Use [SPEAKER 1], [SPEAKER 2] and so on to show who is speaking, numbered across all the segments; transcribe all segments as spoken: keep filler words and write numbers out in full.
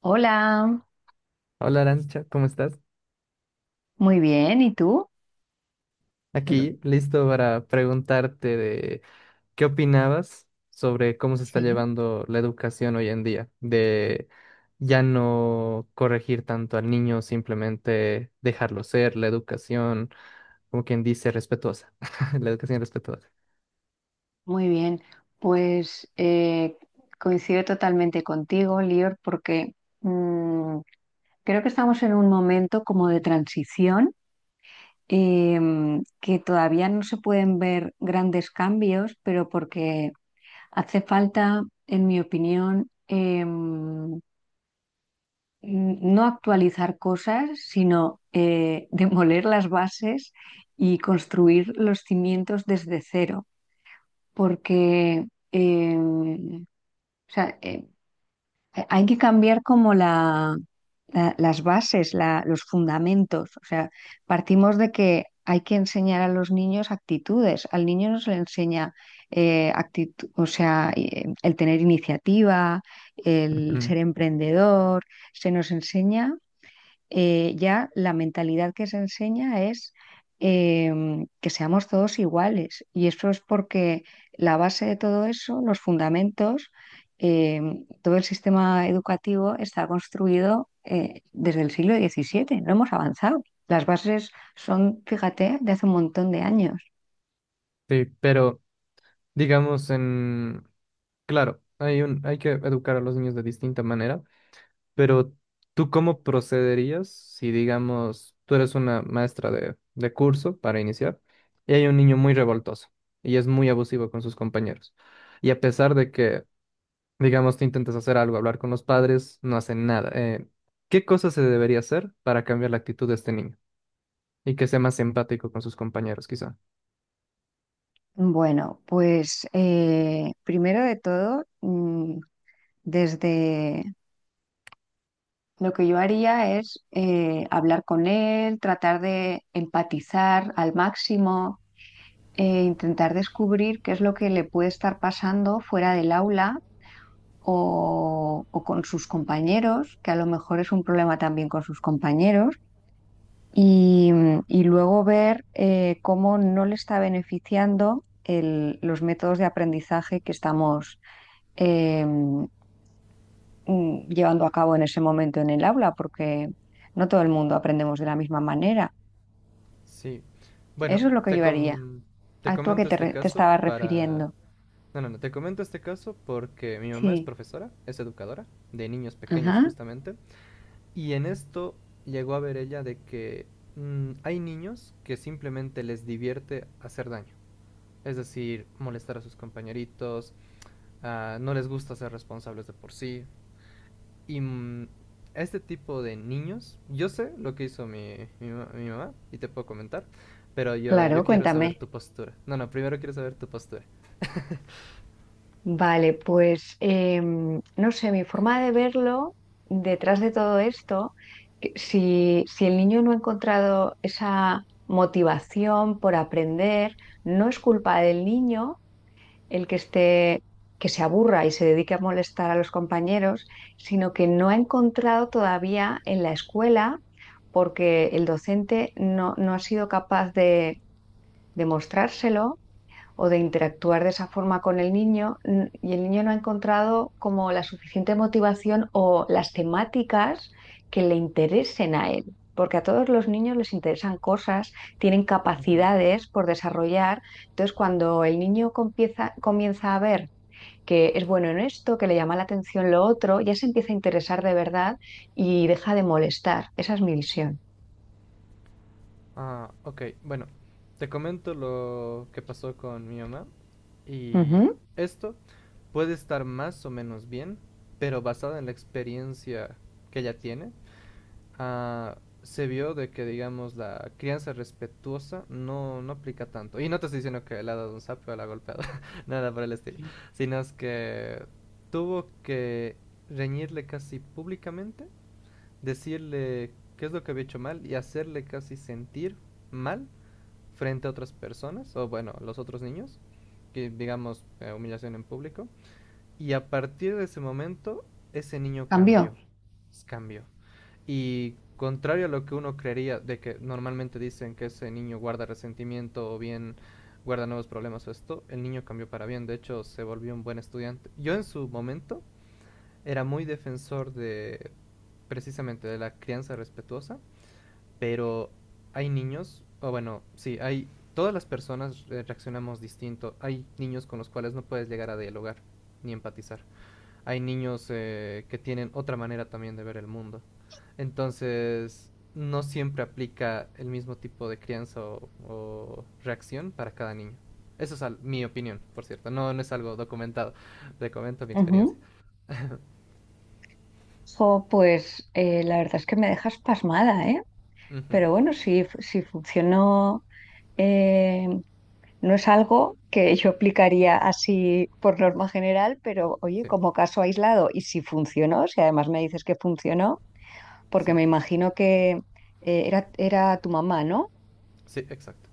[SPEAKER 1] Hola,
[SPEAKER 2] Hola Arancha, ¿cómo estás?
[SPEAKER 1] muy bien, ¿y tú?
[SPEAKER 2] Aquí listo para preguntarte de qué opinabas sobre cómo se está
[SPEAKER 1] Sí.
[SPEAKER 2] llevando la educación hoy en día, de ya no corregir tanto al niño, simplemente dejarlo ser, la educación, como quien dice, respetuosa, la educación respetuosa.
[SPEAKER 1] Muy bien, pues eh, Coincido totalmente contigo, Lior, porque mm, creo que estamos en un momento como de transición, em, que todavía no se pueden ver grandes cambios, pero porque hace falta, en mi opinión, em, mm, no actualizar cosas, sino eh, demoler las bases y construir los cimientos desde cero, porque eh, o sea, eh, hay que cambiar como la, la- las bases, la- los fundamentos. O sea, partimos de que hay que enseñar a los niños actitudes. Al niño no se le enseña eh, actitud, o sea, eh, el tener iniciativa, el
[SPEAKER 2] Ujú.
[SPEAKER 1] ser emprendedor se nos enseña. Eh, ya la mentalidad que se enseña es em, que seamos todos iguales. Y eso es porque la base de todo eso, los fundamentos, em, todo el sistema educativo está construido eh, desde el siglo diecisiete. No hemos avanzado. Las bases son, fíjate, de hace un montón de años.
[SPEAKER 2] Sí, pero digamos en, claro, hay un, hay que educar a los niños de distinta manera. Pero ¿tú cómo procederías si, digamos, tú eres una maestra de, de curso para iniciar y hay un niño muy revoltoso y es muy abusivo con sus compañeros? Y a pesar de que, digamos, tú intentas hacer algo, hablar con los padres, no hacen nada. Eh, ¿qué cosa se debería hacer para cambiar la actitud de este niño y que sea más empático con sus compañeros, quizá?
[SPEAKER 1] Bueno, pues eh, primero de todo, mm, desde lo que yo haría es eh, hablar con él, tratar de empatizar al máximo, eh, intentar descubrir qué es lo que le puede estar pasando fuera del aula o, o con sus compañeros, que a lo mejor es un problema también con sus compañeros, y, y luego ver eh, cómo no le está beneficiando el- los métodos de aprendizaje que estamos em, mm, llevando a cabo en ese momento en el aula, porque no todo el mundo aprendemos de la misma manera.
[SPEAKER 2] Sí, bueno,
[SPEAKER 1] Eso es lo que
[SPEAKER 2] te
[SPEAKER 1] yo haría.
[SPEAKER 2] com- te
[SPEAKER 1] ¿A tú a qué
[SPEAKER 2] comento
[SPEAKER 1] te,
[SPEAKER 2] este
[SPEAKER 1] re- te
[SPEAKER 2] caso
[SPEAKER 1] estabas
[SPEAKER 2] para...
[SPEAKER 1] refiriendo?
[SPEAKER 2] No, no, no, te comento este caso porque mi mamá es
[SPEAKER 1] Sí.
[SPEAKER 2] profesora, es educadora de niños pequeños
[SPEAKER 1] Ajá.
[SPEAKER 2] justamente, y en esto llegó a ver ella de que mm, hay niños que simplemente les divierte hacer daño, es decir, molestar a sus compañeritos, ah, no les gusta ser responsables de por sí, y mm, este tipo de niños, yo sé lo que hizo mi, mi mi mamá y te puedo comentar, pero yo,
[SPEAKER 1] Claro,
[SPEAKER 2] yo quiero saber
[SPEAKER 1] cuéntame.
[SPEAKER 2] tu postura. No, no, primero quiero saber tu postura.
[SPEAKER 1] Vale, pues em, no sé, mi forma de verlo detrás de todo esto, que si, si el niño no ha encontrado esa motivación por aprender, no es culpa del niño, el que esté, que se aburra y se dedique a molestar a los compañeros, sino que no ha encontrado todavía en la escuela, porque el docente no, no ha sido capaz de demostrárselo o de interactuar de esa forma con el niño n- y el niño no ha encontrado como la suficiente motivación o las temáticas que le interesen a él. Porque a todos los niños les interesan cosas, tienen
[SPEAKER 2] Ujú.
[SPEAKER 1] capacidades por desarrollar. Entonces, cuando el niño comienza, comienza a ver que es bueno en esto, que le llama la atención lo otro, ya se empieza a interesar de verdad y deja de molestar. Esa es mi visión.
[SPEAKER 2] Ah, ok. Bueno, te comento lo que pasó con mi mamá. Y
[SPEAKER 1] Ujú.
[SPEAKER 2] esto puede estar más o menos bien, pero basado en la experiencia que ella tiene, ah, se vio de que, digamos, la crianza respetuosa no, no aplica tanto. Y no te estoy diciendo que le ha dado un sapo o la ha golpeado, nada por el estilo. Sino es que tuvo que reñirle casi públicamente, decirle qué es lo que había hecho mal y hacerle casi sentir mal frente a otras personas, o bueno, los otros niños, que digamos eh, humillación en público. Y a partir de ese momento, ese niño
[SPEAKER 1] Cambio.
[SPEAKER 2] cambió, pues, cambió. Y contrario a lo que uno creería, de que normalmente dicen que ese niño guarda resentimiento o bien guarda nuevos problemas o esto, el niño cambió para bien, de hecho se volvió un buen estudiante. Yo en su momento era muy defensor de precisamente de la crianza respetuosa, pero hay niños, o bueno, sí, hay, todas las personas eh, reaccionamos distinto. Hay niños con los cuales no puedes llegar a dialogar ni empatizar. Hay niños eh, que tienen otra manera también de ver el mundo. Entonces, no siempre aplica el mismo tipo de crianza o, o reacción para cada niño. Eso es al- mi opinión, por cierto. No, no es algo documentado. Te comento mi experiencia.
[SPEAKER 1] Ujú. Jo, pues eh, la verdad es que me dejas pasmada, ¿eh?
[SPEAKER 2] Ujú.
[SPEAKER 1] Pero bueno, si, fu- si funcionó, eh, no es algo que yo aplicaría así por norma general, pero oye,
[SPEAKER 2] Sí,
[SPEAKER 1] como caso aislado, y si funcionó, si además me dices que funcionó,
[SPEAKER 2] sí,
[SPEAKER 1] porque me imagino que eh, era, era tu mamá, ¿no?
[SPEAKER 2] sí, exacto.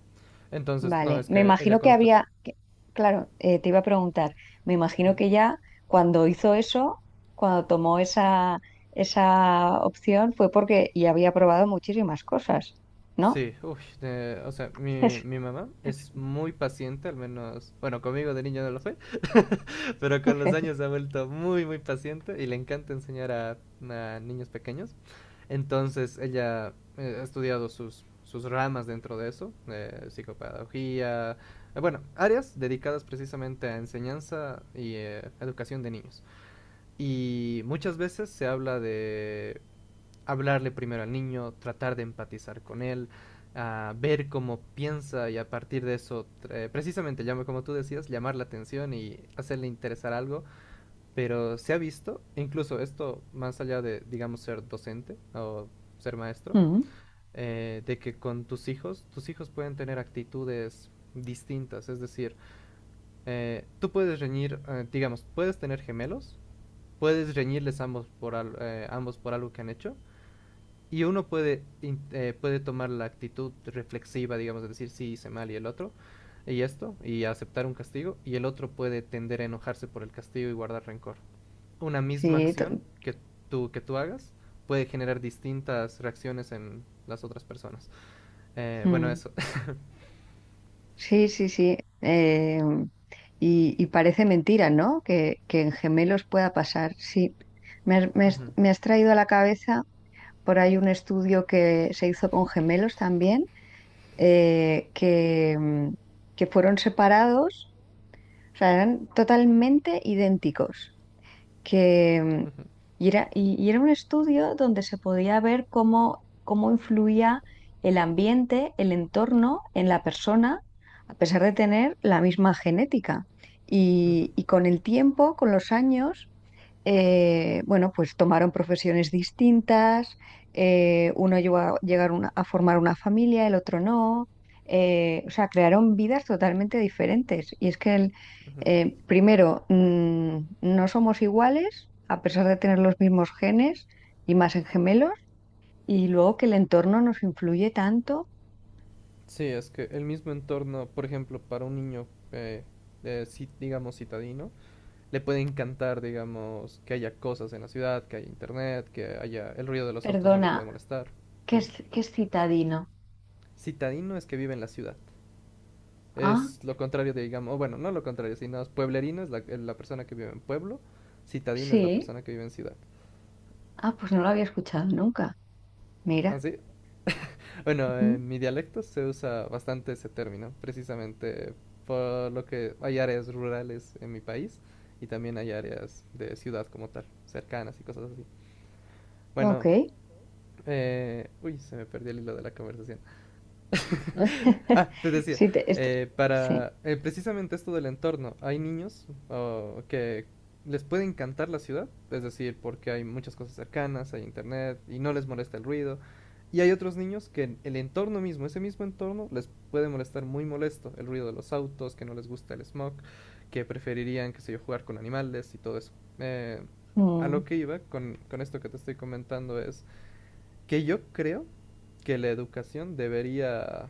[SPEAKER 2] Entonces, no,
[SPEAKER 1] Vale,
[SPEAKER 2] es
[SPEAKER 1] me
[SPEAKER 2] que ella
[SPEAKER 1] imagino que
[SPEAKER 2] consta-
[SPEAKER 1] había, que- claro, eh, te iba a preguntar, me
[SPEAKER 2] ujú.
[SPEAKER 1] imagino que ya cuando hizo eso, cuando tomó esa, esa opción, fue porque ya había probado muchísimas cosas, ¿no?
[SPEAKER 2] Sí, uy, de- o sea, mi, mi mamá es muy paciente, al menos, bueno, conmigo de niño no lo fue, pero con los años se ha vuelto muy, muy paciente y le encanta enseñar a, a niños pequeños. Entonces, ella eh, ha estudiado sus, sus ramas dentro de eso, eh, psicopedagogía, eh, bueno, áreas dedicadas precisamente a enseñanza y eh, educación de niños. Y muchas veces se habla de hablarle primero al niño, tratar de empatizar con él, a ver cómo piensa y a partir de eso, eh, precisamente, como tú decías, llamar la atención y hacerle interesar algo. Pero se ha visto, incluso esto más allá de, digamos, ser docente o ser maestro,
[SPEAKER 1] Mm,
[SPEAKER 2] eh, de que con tus hijos, tus hijos pueden tener actitudes distintas. Es decir, eh, tú puedes reñir, eh, digamos, puedes tener gemelos, puedes reñirles ambos por, al, eh, ambos por algo que han hecho, y uno puede, eh, puede tomar la actitud reflexiva, digamos, de decir sí hice mal y el otro, y esto, y aceptar un castigo, y el otro puede tender a enojarse por el castigo y guardar rencor. Una misma
[SPEAKER 1] Sí, to-
[SPEAKER 2] acción que tú, que tú hagas puede generar distintas reacciones en las otras personas. Eh, bueno,
[SPEAKER 1] mm,
[SPEAKER 2] eso.
[SPEAKER 1] sí, sí, sí. Eh, y, y parece mentira, ¿no? Que, que en gemelos pueda pasar. Sí, me, has me has-
[SPEAKER 2] Ujú,
[SPEAKER 1] me has traído a la cabeza por ahí un estudio que se hizo con gemelos también, eh, que, mm, que fueron separados, o sea, eran totalmente idénticos. Que y era, y, Y era un estudio donde se podía ver cómo, cómo influía el ambiente, el entorno en la persona, a pesar de tener la misma genética.
[SPEAKER 2] ujú,
[SPEAKER 1] Y, y con el tiempo, con los años, eh, bueno, pues tomaron profesiones distintas, eh, uno llegó a llegar una- a formar una familia, el otro no. Eh, o sea, crearon vidas totalmente diferentes. Y es que, el,
[SPEAKER 2] ujú.
[SPEAKER 1] eh, primero, mm, no somos iguales, a pesar de tener los mismos genes y más en gemelos, y luego que el entorno nos influye tanto.
[SPEAKER 2] Sí, es que el mismo entorno, por ejemplo, para un niño, eh, eh, ci- digamos, citadino, le puede encantar, digamos, que haya cosas en la ciudad, que haya internet, que haya el ruido de los autos no le puede
[SPEAKER 1] Perdona,
[SPEAKER 2] molestar.
[SPEAKER 1] ¿qué
[SPEAKER 2] Dime.
[SPEAKER 1] es, ¿qué es citadino?
[SPEAKER 2] Citadino es que vive en la ciudad.
[SPEAKER 1] Ah,
[SPEAKER 2] Es lo contrario de, digamos, o bueno, no lo contrario, sino es pueblerino es la, eh, la persona que vive en pueblo, citadino es la
[SPEAKER 1] sí,
[SPEAKER 2] persona que vive en ciudad.
[SPEAKER 1] ah, pues no lo había escuchado nunca. Mira.
[SPEAKER 2] ¿Así? Bueno,
[SPEAKER 1] Ujú.
[SPEAKER 2] en mi dialecto se usa bastante ese término, precisamente por lo que hay áreas rurales en mi país y también hay áreas de ciudad como tal, cercanas y cosas así.
[SPEAKER 1] Ok.
[SPEAKER 2] Bueno, Eh, uy, se me perdió el hilo de la conversación. Ah, te decía,
[SPEAKER 1] Sí, te- est-
[SPEAKER 2] eh,
[SPEAKER 1] sí.
[SPEAKER 2] para eh, precisamente esto del entorno, hay niños oh, que les puede encantar la ciudad, es decir, porque hay muchas cosas cercanas, hay internet y no les molesta el ruido. Y hay otros niños que el entorno mismo, ese mismo entorno, les puede molestar muy molesto. El ruido de los autos, que no les gusta el smog, que preferirían, qué sé yo, jugar con animales y todo eso. Eh, a
[SPEAKER 1] Mm.
[SPEAKER 2] lo que iba con, con esto que te estoy comentando es que yo creo que la educación debería,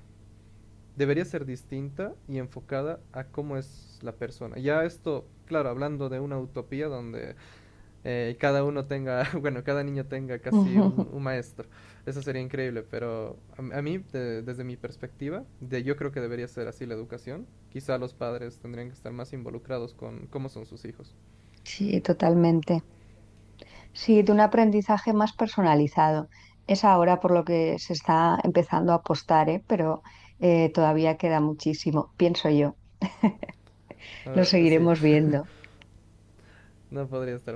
[SPEAKER 2] debería ser distinta y enfocada a cómo es la persona. Ya esto, claro, hablando de una utopía donde eh, cada uno tenga, bueno, cada niño tenga casi un, un maestro. Eso sería increíble, pero a, a mí, de- desde mi perspectiva, de, yo creo que debería ser así la educación. Quizá los padres tendrían que estar más involucrados con cómo son sus hijos.
[SPEAKER 1] Sí, totalmente. Sí, de un aprendizaje más personalizado. Es ahora por lo que se está empezando a apostar, ¿eh? Pero eh, todavía queda muchísimo, pienso yo. Lo
[SPEAKER 2] Ah, sí,
[SPEAKER 1] seguiremos viendo.
[SPEAKER 2] no podría estar.